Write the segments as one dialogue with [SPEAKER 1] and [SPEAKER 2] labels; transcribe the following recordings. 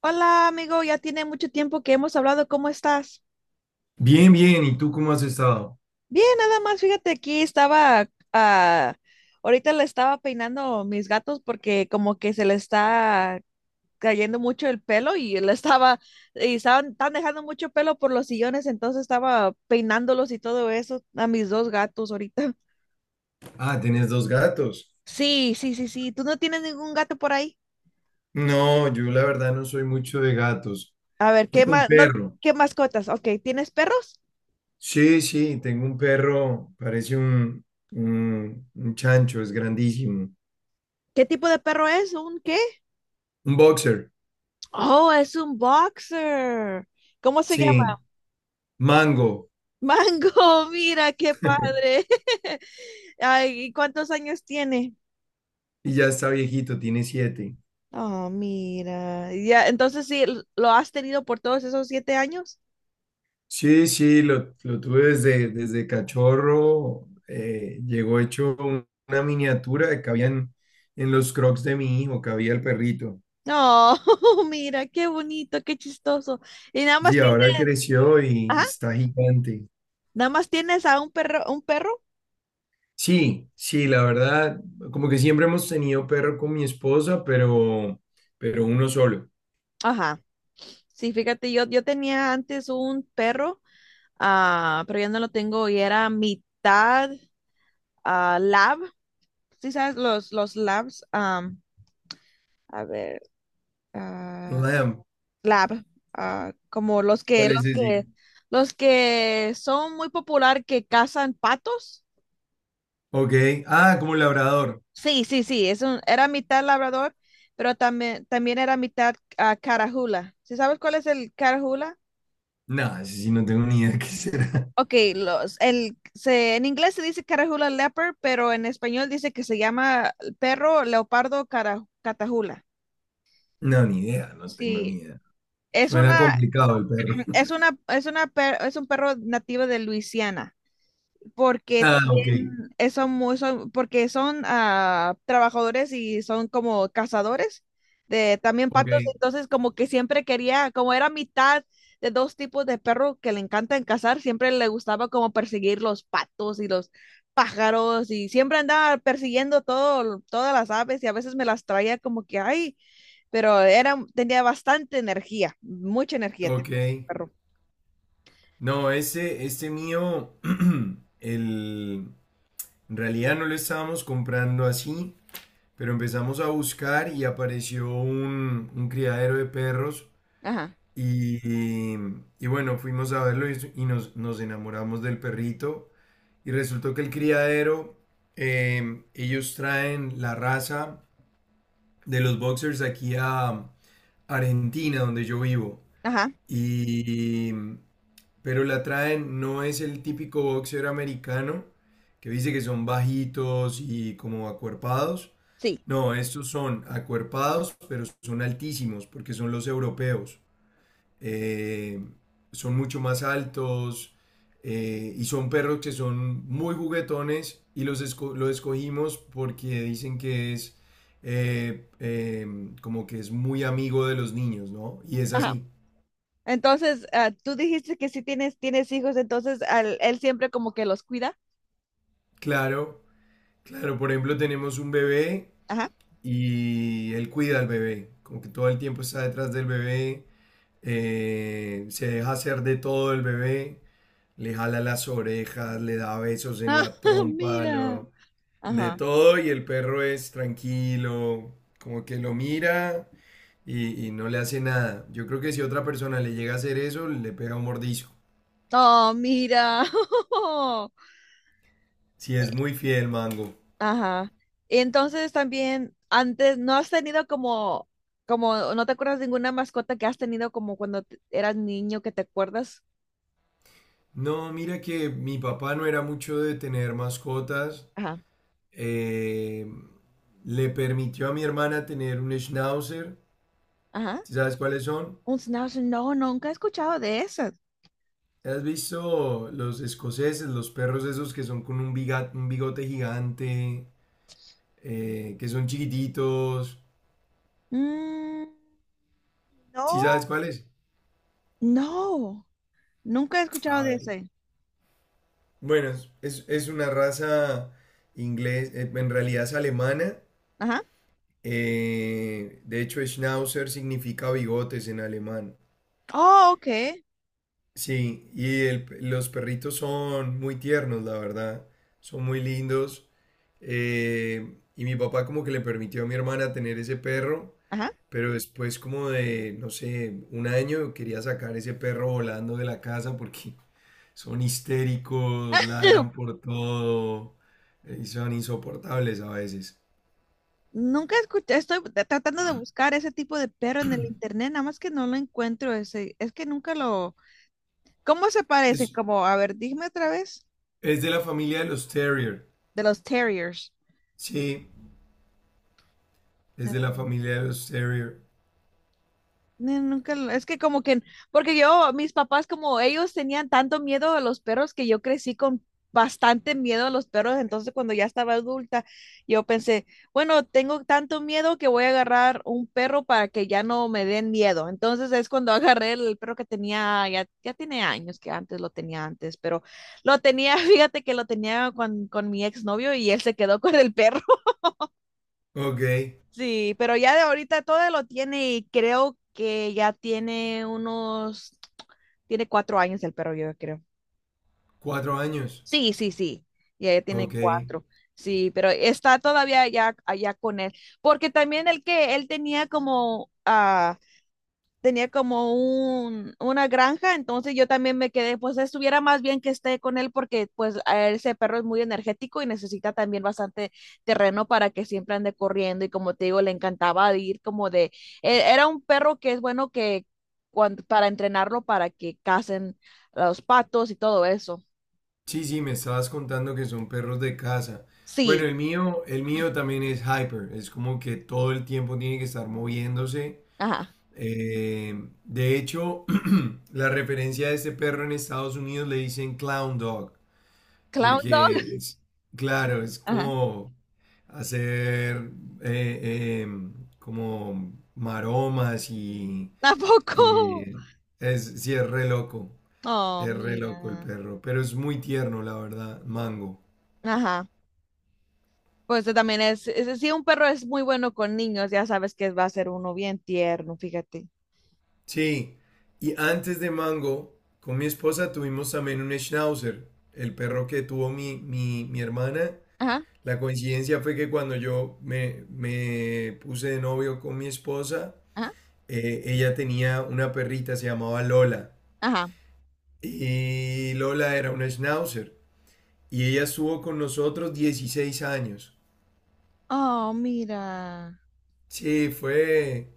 [SPEAKER 1] Hola, amigo, ya tiene mucho tiempo que hemos hablado. ¿Cómo estás?
[SPEAKER 2] Bien, bien. ¿Y tú cómo has estado?
[SPEAKER 1] Bien, nada más, fíjate, aquí estaba, ah, ahorita le estaba peinando mis gatos porque como que se le está cayendo mucho el pelo y le estaba, y estaban, están dejando mucho pelo por los sillones, entonces estaba peinándolos y todo eso a mis dos gatos ahorita.
[SPEAKER 2] Ah, tienes dos gatos.
[SPEAKER 1] Sí, sí, sí, sí. ¿Tú no tienes ningún gato por ahí?
[SPEAKER 2] No, yo la verdad no soy mucho de gatos.
[SPEAKER 1] A ver, ¿qué
[SPEAKER 2] Tengo un
[SPEAKER 1] más, no,
[SPEAKER 2] perro.
[SPEAKER 1] qué mascotas? Ok, ¿tienes perros?
[SPEAKER 2] Sí, sí, tengo un perro. Parece un chancho, es grandísimo.
[SPEAKER 1] ¿Qué tipo de perro es? ¿Un qué?
[SPEAKER 2] Un boxer.
[SPEAKER 1] Oh, es un boxer. ¿Cómo se llama?
[SPEAKER 2] Sí, Mango.
[SPEAKER 1] Mango, mira qué padre. Ay, ¿y cuántos años tiene?
[SPEAKER 2] Y ya está viejito, tiene siete.
[SPEAKER 1] Oh, mira. Ya, entonces sí, lo has tenido por todos esos 7 años.
[SPEAKER 2] Sí, sí, lo tuve desde cachorro. Llegó hecho una miniatura que cabía en los crocs de mi hijo, cabía el perrito.
[SPEAKER 1] No, mira, qué bonito, qué chistoso. Y nada más
[SPEAKER 2] Sí,
[SPEAKER 1] tienes,
[SPEAKER 2] ahora creció y
[SPEAKER 1] ajá,
[SPEAKER 2] está gigante.
[SPEAKER 1] nada más tienes a un perro, un perro.
[SPEAKER 2] Sí, sí, la verdad, como que siempre hemos tenido perro con mi esposa, pero uno solo.
[SPEAKER 1] Ajá. Sí, fíjate, yo tenía antes un perro, pero ya no lo tengo y era mitad, ah, lab, sí sabes, los labs, a ver,
[SPEAKER 2] No
[SPEAKER 1] ah,
[SPEAKER 2] sabemos.
[SPEAKER 1] lab, ah, como los que,
[SPEAKER 2] ¿Cuál es ese?
[SPEAKER 1] los que son muy popular que cazan patos.
[SPEAKER 2] Ok. Ah, como labrador.
[SPEAKER 1] Sí, sí, sí, es un, era mitad labrador, pero también, también era mitad carajula. ¿Sí sabes cuál es el carajula?
[SPEAKER 2] No, ese sí no tengo ni idea de qué será.
[SPEAKER 1] Ok, los, el, se, en inglés se dice carajula leopard, pero en español dice que se llama perro leopardo catajula.
[SPEAKER 2] No, ni idea, no tengo ni
[SPEAKER 1] Sí,
[SPEAKER 2] idea.
[SPEAKER 1] es
[SPEAKER 2] Suena
[SPEAKER 1] una,
[SPEAKER 2] complicado el perro.
[SPEAKER 1] es una, es una, es un perro nativo de Luisiana, porque
[SPEAKER 2] Ah,
[SPEAKER 1] también son muy, son, porque son trabajadores y son como cazadores de también
[SPEAKER 2] ok,
[SPEAKER 1] patos, entonces como que siempre quería, como era mitad de dos tipos de perro que le encantan cazar, siempre le gustaba como perseguir los patos y los pájaros y siempre andaba persiguiendo todo, todas las aves y a veces me las traía como que, ay, pero era, tenía bastante energía, mucha energía
[SPEAKER 2] ok.
[SPEAKER 1] tenía el perro.
[SPEAKER 2] No, ese, este mío, el, en realidad no lo estábamos comprando así. Pero empezamos a buscar y apareció un criadero de perros
[SPEAKER 1] Ajá.
[SPEAKER 2] y, y bueno, fuimos a verlo y nos enamoramos del perrito y resultó que el criadero, ellos traen la raza de los boxers aquí a Argentina, donde yo vivo.
[SPEAKER 1] Ajá,
[SPEAKER 2] Y, mm, pero la traen, no es el típico boxer americano que dice que son bajitos y como acuerpados.
[SPEAKER 1] sí.
[SPEAKER 2] No, estos son acuerpados, pero son altísimos porque son los europeos. Eh, Son mucho más altos y son perros que son muy juguetones y los escogimos porque dicen que es eh, eh, como que es muy amigo de los niños, ¿no? Y es
[SPEAKER 1] Ajá.
[SPEAKER 2] así.
[SPEAKER 1] Entonces, tú dijiste que sí tienes, tienes hijos, entonces él siempre como que los cuida.
[SPEAKER 2] Claro, claro, por ejemplo, tenemos un bebé
[SPEAKER 1] Ajá,
[SPEAKER 2] y él cuida al bebé, como que todo el tiempo está detrás del bebé. Se deja hacer de todo el bebé, le jala las orejas, le da besos en
[SPEAKER 1] ah,
[SPEAKER 2] la trompa,
[SPEAKER 1] mira.
[SPEAKER 2] de
[SPEAKER 1] Ajá.
[SPEAKER 2] todo, y el perro es tranquilo, como que lo mira y no le hace nada. Yo creo que si otra persona le llega a hacer eso, le pega un mordisco.
[SPEAKER 1] Oh, mira.
[SPEAKER 2] Si es muy fiel, Mango.
[SPEAKER 1] Ajá. Y entonces también, antes, ¿no has tenido como, como, no te acuerdas de ninguna mascota que has tenido como cuando eras niño que te acuerdas?
[SPEAKER 2] No, mira que mi papá no era mucho de tener mascotas.
[SPEAKER 1] Ajá,
[SPEAKER 2] Eh, Le permitió a mi hermana tener un schnauzer.
[SPEAKER 1] ajá.
[SPEAKER 2] ¿Sí ¿Sabes cuáles son?
[SPEAKER 1] Un schnauzer, no, nunca he escuchado de esas.
[SPEAKER 2] ¿Has visto los escoceses, los perros esos que son con un, un bigote gigante, que son chiquititos?
[SPEAKER 1] Mm,
[SPEAKER 2] ¿Sí
[SPEAKER 1] no.
[SPEAKER 2] sabes cuáles?
[SPEAKER 1] No, nunca he escuchado
[SPEAKER 2] A
[SPEAKER 1] de
[SPEAKER 2] ver.
[SPEAKER 1] ese.
[SPEAKER 2] Bueno, es una raza inglés, en realidad es alemana.
[SPEAKER 1] Ajá.
[SPEAKER 2] De hecho, Schnauzer significa bigotes en alemán.
[SPEAKER 1] Oh, ok.
[SPEAKER 2] Sí, y los perritos son muy tiernos, la verdad. Son muy lindos. Y mi papá como que le permitió a mi hermana tener ese perro,
[SPEAKER 1] Ajá.
[SPEAKER 2] pero después como de, no sé, un año quería sacar ese perro volando de la casa porque son histéricos, ladran por todo, y son insoportables a veces.
[SPEAKER 1] Nunca escuché, estoy tratando de buscar ese tipo de perro en el internet, nada más que no lo encuentro ese, es que nunca lo... ¿Cómo se parecen?
[SPEAKER 2] Es,
[SPEAKER 1] Como, a ver, dime otra vez,
[SPEAKER 2] es de la familia de los Terrier.
[SPEAKER 1] de los terriers.
[SPEAKER 2] Sí, es de la familia de los Terrier.
[SPEAKER 1] Nunca, es que como que, porque yo, mis papás, como ellos tenían tanto miedo a los perros que yo crecí con bastante miedo a los perros, entonces cuando ya estaba adulta, yo pensé, bueno, tengo tanto miedo que voy a agarrar un perro para que ya no me den miedo. Entonces es cuando agarré el perro que tenía, ya, ya tiene años que antes lo tenía antes, pero lo tenía, fíjate que lo tenía con mi exnovio y él se quedó con el perro.
[SPEAKER 2] Ok,
[SPEAKER 1] Sí, pero ya de ahorita todo lo tiene y creo que ya tiene unos, tiene 4 años el perro, yo creo.
[SPEAKER 2] 4 años.
[SPEAKER 1] Sí, sí, sí, ya, ya tiene
[SPEAKER 2] Ok.
[SPEAKER 1] cuatro. Sí, pero está todavía allá, allá con él. Porque también el que él tenía como, ah, tenía como un, una granja, entonces yo también me quedé, pues estuviera más bien que esté con él porque pues a ese perro es muy energético y necesita también bastante terreno para que siempre ande corriendo y como te digo, le encantaba ir como de, era un perro que es bueno que cuando, para entrenarlo para que cacen a los patos y todo eso.
[SPEAKER 2] Sí, sí, me estabas contando que son perros de casa. Bueno,
[SPEAKER 1] Sí,
[SPEAKER 2] el mío también es hyper, es como que todo el tiempo tiene que estar moviéndose.
[SPEAKER 1] ajá.
[SPEAKER 2] Eh, de hecho, la referencia de este perro en Estados Unidos le dicen clown dog,
[SPEAKER 1] Clown dog,
[SPEAKER 2] porque es, claro, es
[SPEAKER 1] ajá.
[SPEAKER 2] como hacer eh, em, como maromas y,
[SPEAKER 1] Tampoco.
[SPEAKER 2] y es, sí,
[SPEAKER 1] Oh,
[SPEAKER 2] es re loco el
[SPEAKER 1] mira.
[SPEAKER 2] perro, pero es muy tierno, la verdad, Mango.
[SPEAKER 1] Ajá. Pues también es, si un perro es muy bueno con niños, ya sabes que va a ser uno bien tierno, fíjate.
[SPEAKER 2] Sí, y antes de Mango, con mi esposa tuvimos también un Schnauzer, el perro que tuvo mi hermana.
[SPEAKER 1] Ajá,
[SPEAKER 2] La coincidencia fue que cuando me puse de novio con mi esposa,
[SPEAKER 1] ajá,
[SPEAKER 2] ella tenía una perrita, se llamaba Lola,
[SPEAKER 1] ajá.
[SPEAKER 2] y Lola era una Schnauzer, y ella estuvo con nosotros 16 años.
[SPEAKER 1] Oh, mira.
[SPEAKER 2] Sí,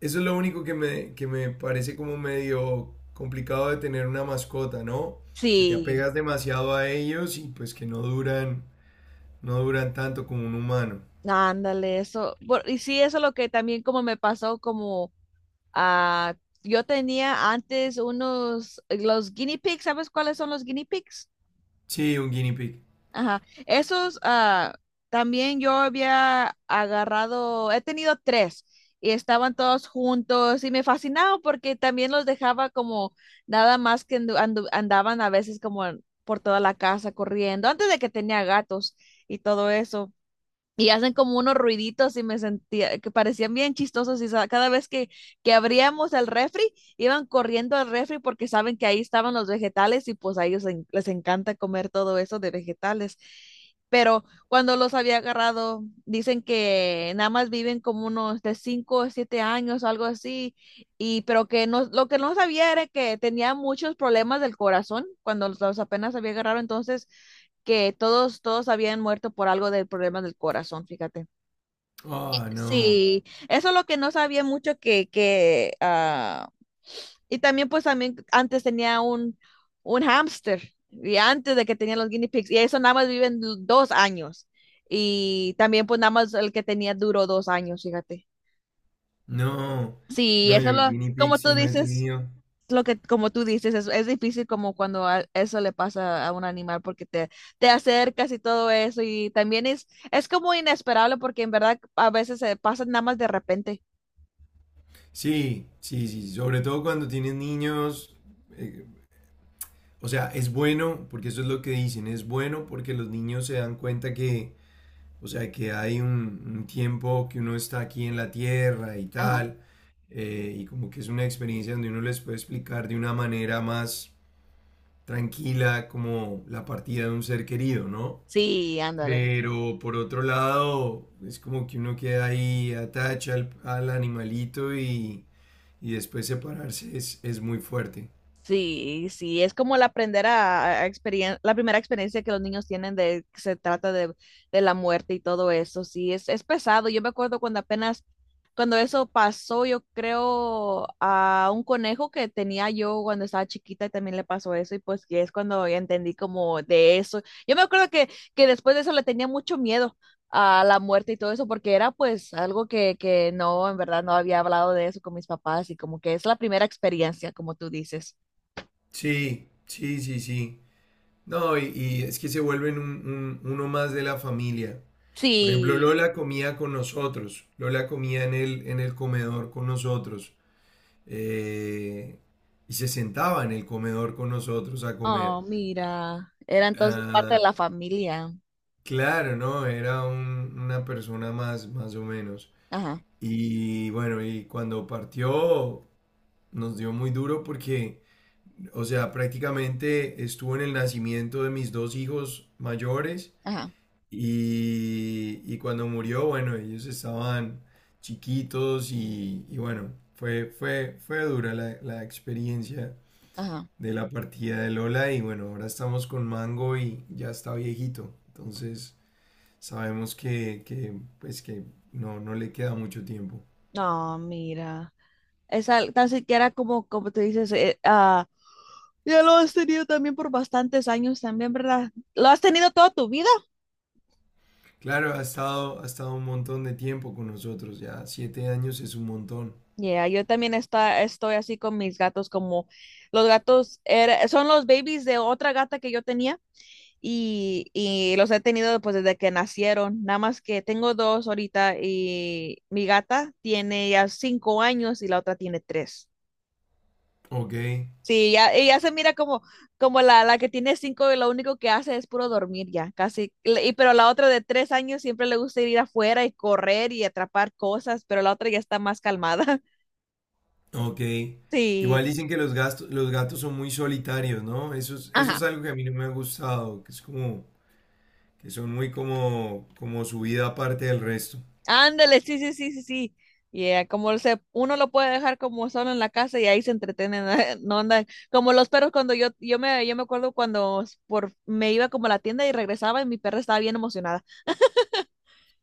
[SPEAKER 2] eso es lo único que que me parece como medio complicado de tener una mascota, ¿no? Que te
[SPEAKER 1] Sí,
[SPEAKER 2] apegas demasiado a ellos y pues que no duran, no duran tanto como un humano.
[SPEAKER 1] ándale, eso. Por- y sí, eso es lo que también como me pasó, como ah, yo tenía antes unos, los guinea pigs, ¿sabes cuáles son los guinea pigs?
[SPEAKER 2] Sí, un guinea pig.
[SPEAKER 1] Ajá. Esos, también yo había agarrado, he tenido tres y estaban todos juntos y me fascinaba porque también los dejaba como nada más que andaban a veces como por toda la casa corriendo, antes de que tenía gatos y todo eso y hacen como unos ruiditos y me sentía que parecían bien chistosos y cada vez que abríamos el refri iban corriendo al refri porque saben que ahí estaban los vegetales y pues a ellos les encanta comer todo eso de vegetales. Pero cuando los había agarrado, dicen que nada más viven como unos de 5 o 7 años, algo así, y pero que no, lo que no sabía era que tenía muchos problemas del corazón cuando los apenas había agarrado, entonces que todos, todos habían muerto por algo del problema del corazón, fíjate.
[SPEAKER 2] Ah, no,
[SPEAKER 1] Sí, eso es lo que no sabía mucho que, ah, y también pues también antes tenía un hámster, y antes de que tenía los guinea pigs, y eso nada más viven 2 años, y también pues nada más el que tenía duró 2 años, fíjate.
[SPEAKER 2] no,
[SPEAKER 1] Sí,
[SPEAKER 2] no,
[SPEAKER 1] eso
[SPEAKER 2] yo
[SPEAKER 1] lo,
[SPEAKER 2] guinea pig
[SPEAKER 1] como tú
[SPEAKER 2] sí no he
[SPEAKER 1] dices.
[SPEAKER 2] tenido.
[SPEAKER 1] Lo que, como tú dices, es difícil como cuando eso le pasa a un animal porque te acercas y todo eso y también es como inesperable porque en verdad a veces se pasa nada más de repente.
[SPEAKER 2] Sí, sí, sí, sobre todo cuando tienes niños, eh, o sea, es bueno, porque eso es lo que dicen, es bueno porque los niños se dan cuenta que o sea que hay un tiempo que uno está aquí en la tierra y
[SPEAKER 1] Ajá.
[SPEAKER 2] tal, y como que es una experiencia donde uno les puede explicar de una manera más tranquila como la partida de un ser querido, ¿no?
[SPEAKER 1] Sí, ándale.
[SPEAKER 2] Pero por otro lado, es como que uno queda ahí, atacha al animalito y después separarse es muy fuerte.
[SPEAKER 1] Sí, sí, es como el aprender a, la primera experiencia que los niños tienen de que se trata de la muerte y todo eso. Sí, es pesado. Yo me acuerdo cuando apenas, cuando eso pasó, yo creo a un conejo que tenía yo cuando estaba chiquita y también le pasó eso y pues que es cuando ya entendí como de eso. Yo me acuerdo que después de eso le tenía mucho miedo a la muerte y todo eso porque era pues algo que no, en verdad no había hablado de eso con mis papás y como que es la primera experiencia, como tú dices.
[SPEAKER 2] Sí, sí, sí, sí. No, es que se vuelven uno más de la familia. Por ejemplo,
[SPEAKER 1] Sí,
[SPEAKER 2] Lola comía con nosotros, Lola comía en el comedor con nosotros, eh, y se sentaba en el comedor con nosotros a
[SPEAKER 1] oh,
[SPEAKER 2] comer.
[SPEAKER 1] mira, era entonces parte de
[SPEAKER 2] Ah,
[SPEAKER 1] la familia.
[SPEAKER 2] claro, ¿no? Era una persona más, más o menos.
[SPEAKER 1] Ajá,
[SPEAKER 2] Y cuando partió nos dio muy duro porque, o sea, prácticamente estuvo en el nacimiento de mis dos hijos mayores.
[SPEAKER 1] ajá,
[SPEAKER 2] Y cuando murió, bueno, ellos estaban chiquitos y bueno, fue dura la experiencia
[SPEAKER 1] ajá.
[SPEAKER 2] de la partida de Lola y bueno, ahora estamos con Mango y ya está viejito, entonces sabemos pues que no, no le queda mucho tiempo.
[SPEAKER 1] No, mira, esa tan siquiera como, como tú dices, ah, ya lo has tenido también por bastantes años también, ¿verdad? ¿Lo has tenido toda tu vida?
[SPEAKER 2] Claro, ha estado un montón de tiempo con nosotros, ya 7 años es un montón.
[SPEAKER 1] Ya, yo también está, estoy así con mis gatos, como los gatos son los babies de otra gata que yo tenía. Y, y los he tenido pues desde que nacieron. Nada más que tengo dos ahorita y mi gata tiene ya 5 años y la otra tiene tres.
[SPEAKER 2] Ok,
[SPEAKER 1] Sí, ya, ella se mira como, como la que tiene cinco y lo único que hace es puro dormir ya, casi. Y, pero la otra de 3 años siempre le gusta ir afuera y correr y atrapar cosas, pero la otra ya está más calmada.
[SPEAKER 2] Ok.
[SPEAKER 1] Sí.
[SPEAKER 2] Igual dicen que los gatos son muy solitarios, ¿no? Eso es
[SPEAKER 1] Ajá.
[SPEAKER 2] algo que a mí no me ha gustado, que es como, que son muy como, como su vida aparte del resto.
[SPEAKER 1] Ándale, sí, sí, sí, sí, sí. Yeah, como se, uno lo puede dejar como solo en la casa y ahí se entretienen, no andan como los perros cuando yo me acuerdo cuando por, me iba como a la tienda y regresaba y mi perra estaba bien emocionada.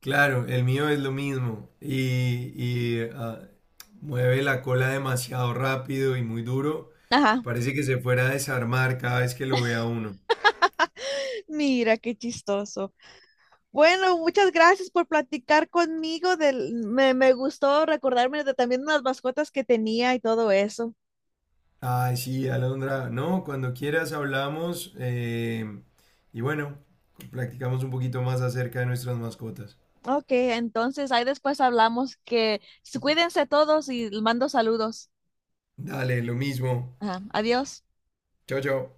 [SPEAKER 2] Claro, el mío es lo mismo y mueve la cola demasiado rápido y muy duro.
[SPEAKER 1] Ajá,
[SPEAKER 2] Parece que se fuera a desarmar cada vez que lo vea uno.
[SPEAKER 1] mira qué chistoso. Bueno, muchas gracias por platicar conmigo del, me gustó recordarme de también unas mascotas que tenía y todo eso.
[SPEAKER 2] Ay, sí, Alondra. No, cuando quieras hablamos, y bueno, practicamos un poquito más acerca de nuestras mascotas.
[SPEAKER 1] Ok, entonces ahí después hablamos que cuídense todos y mando saludos.
[SPEAKER 2] Dale, lo mismo.
[SPEAKER 1] Ajá, adiós.
[SPEAKER 2] Chao, chao.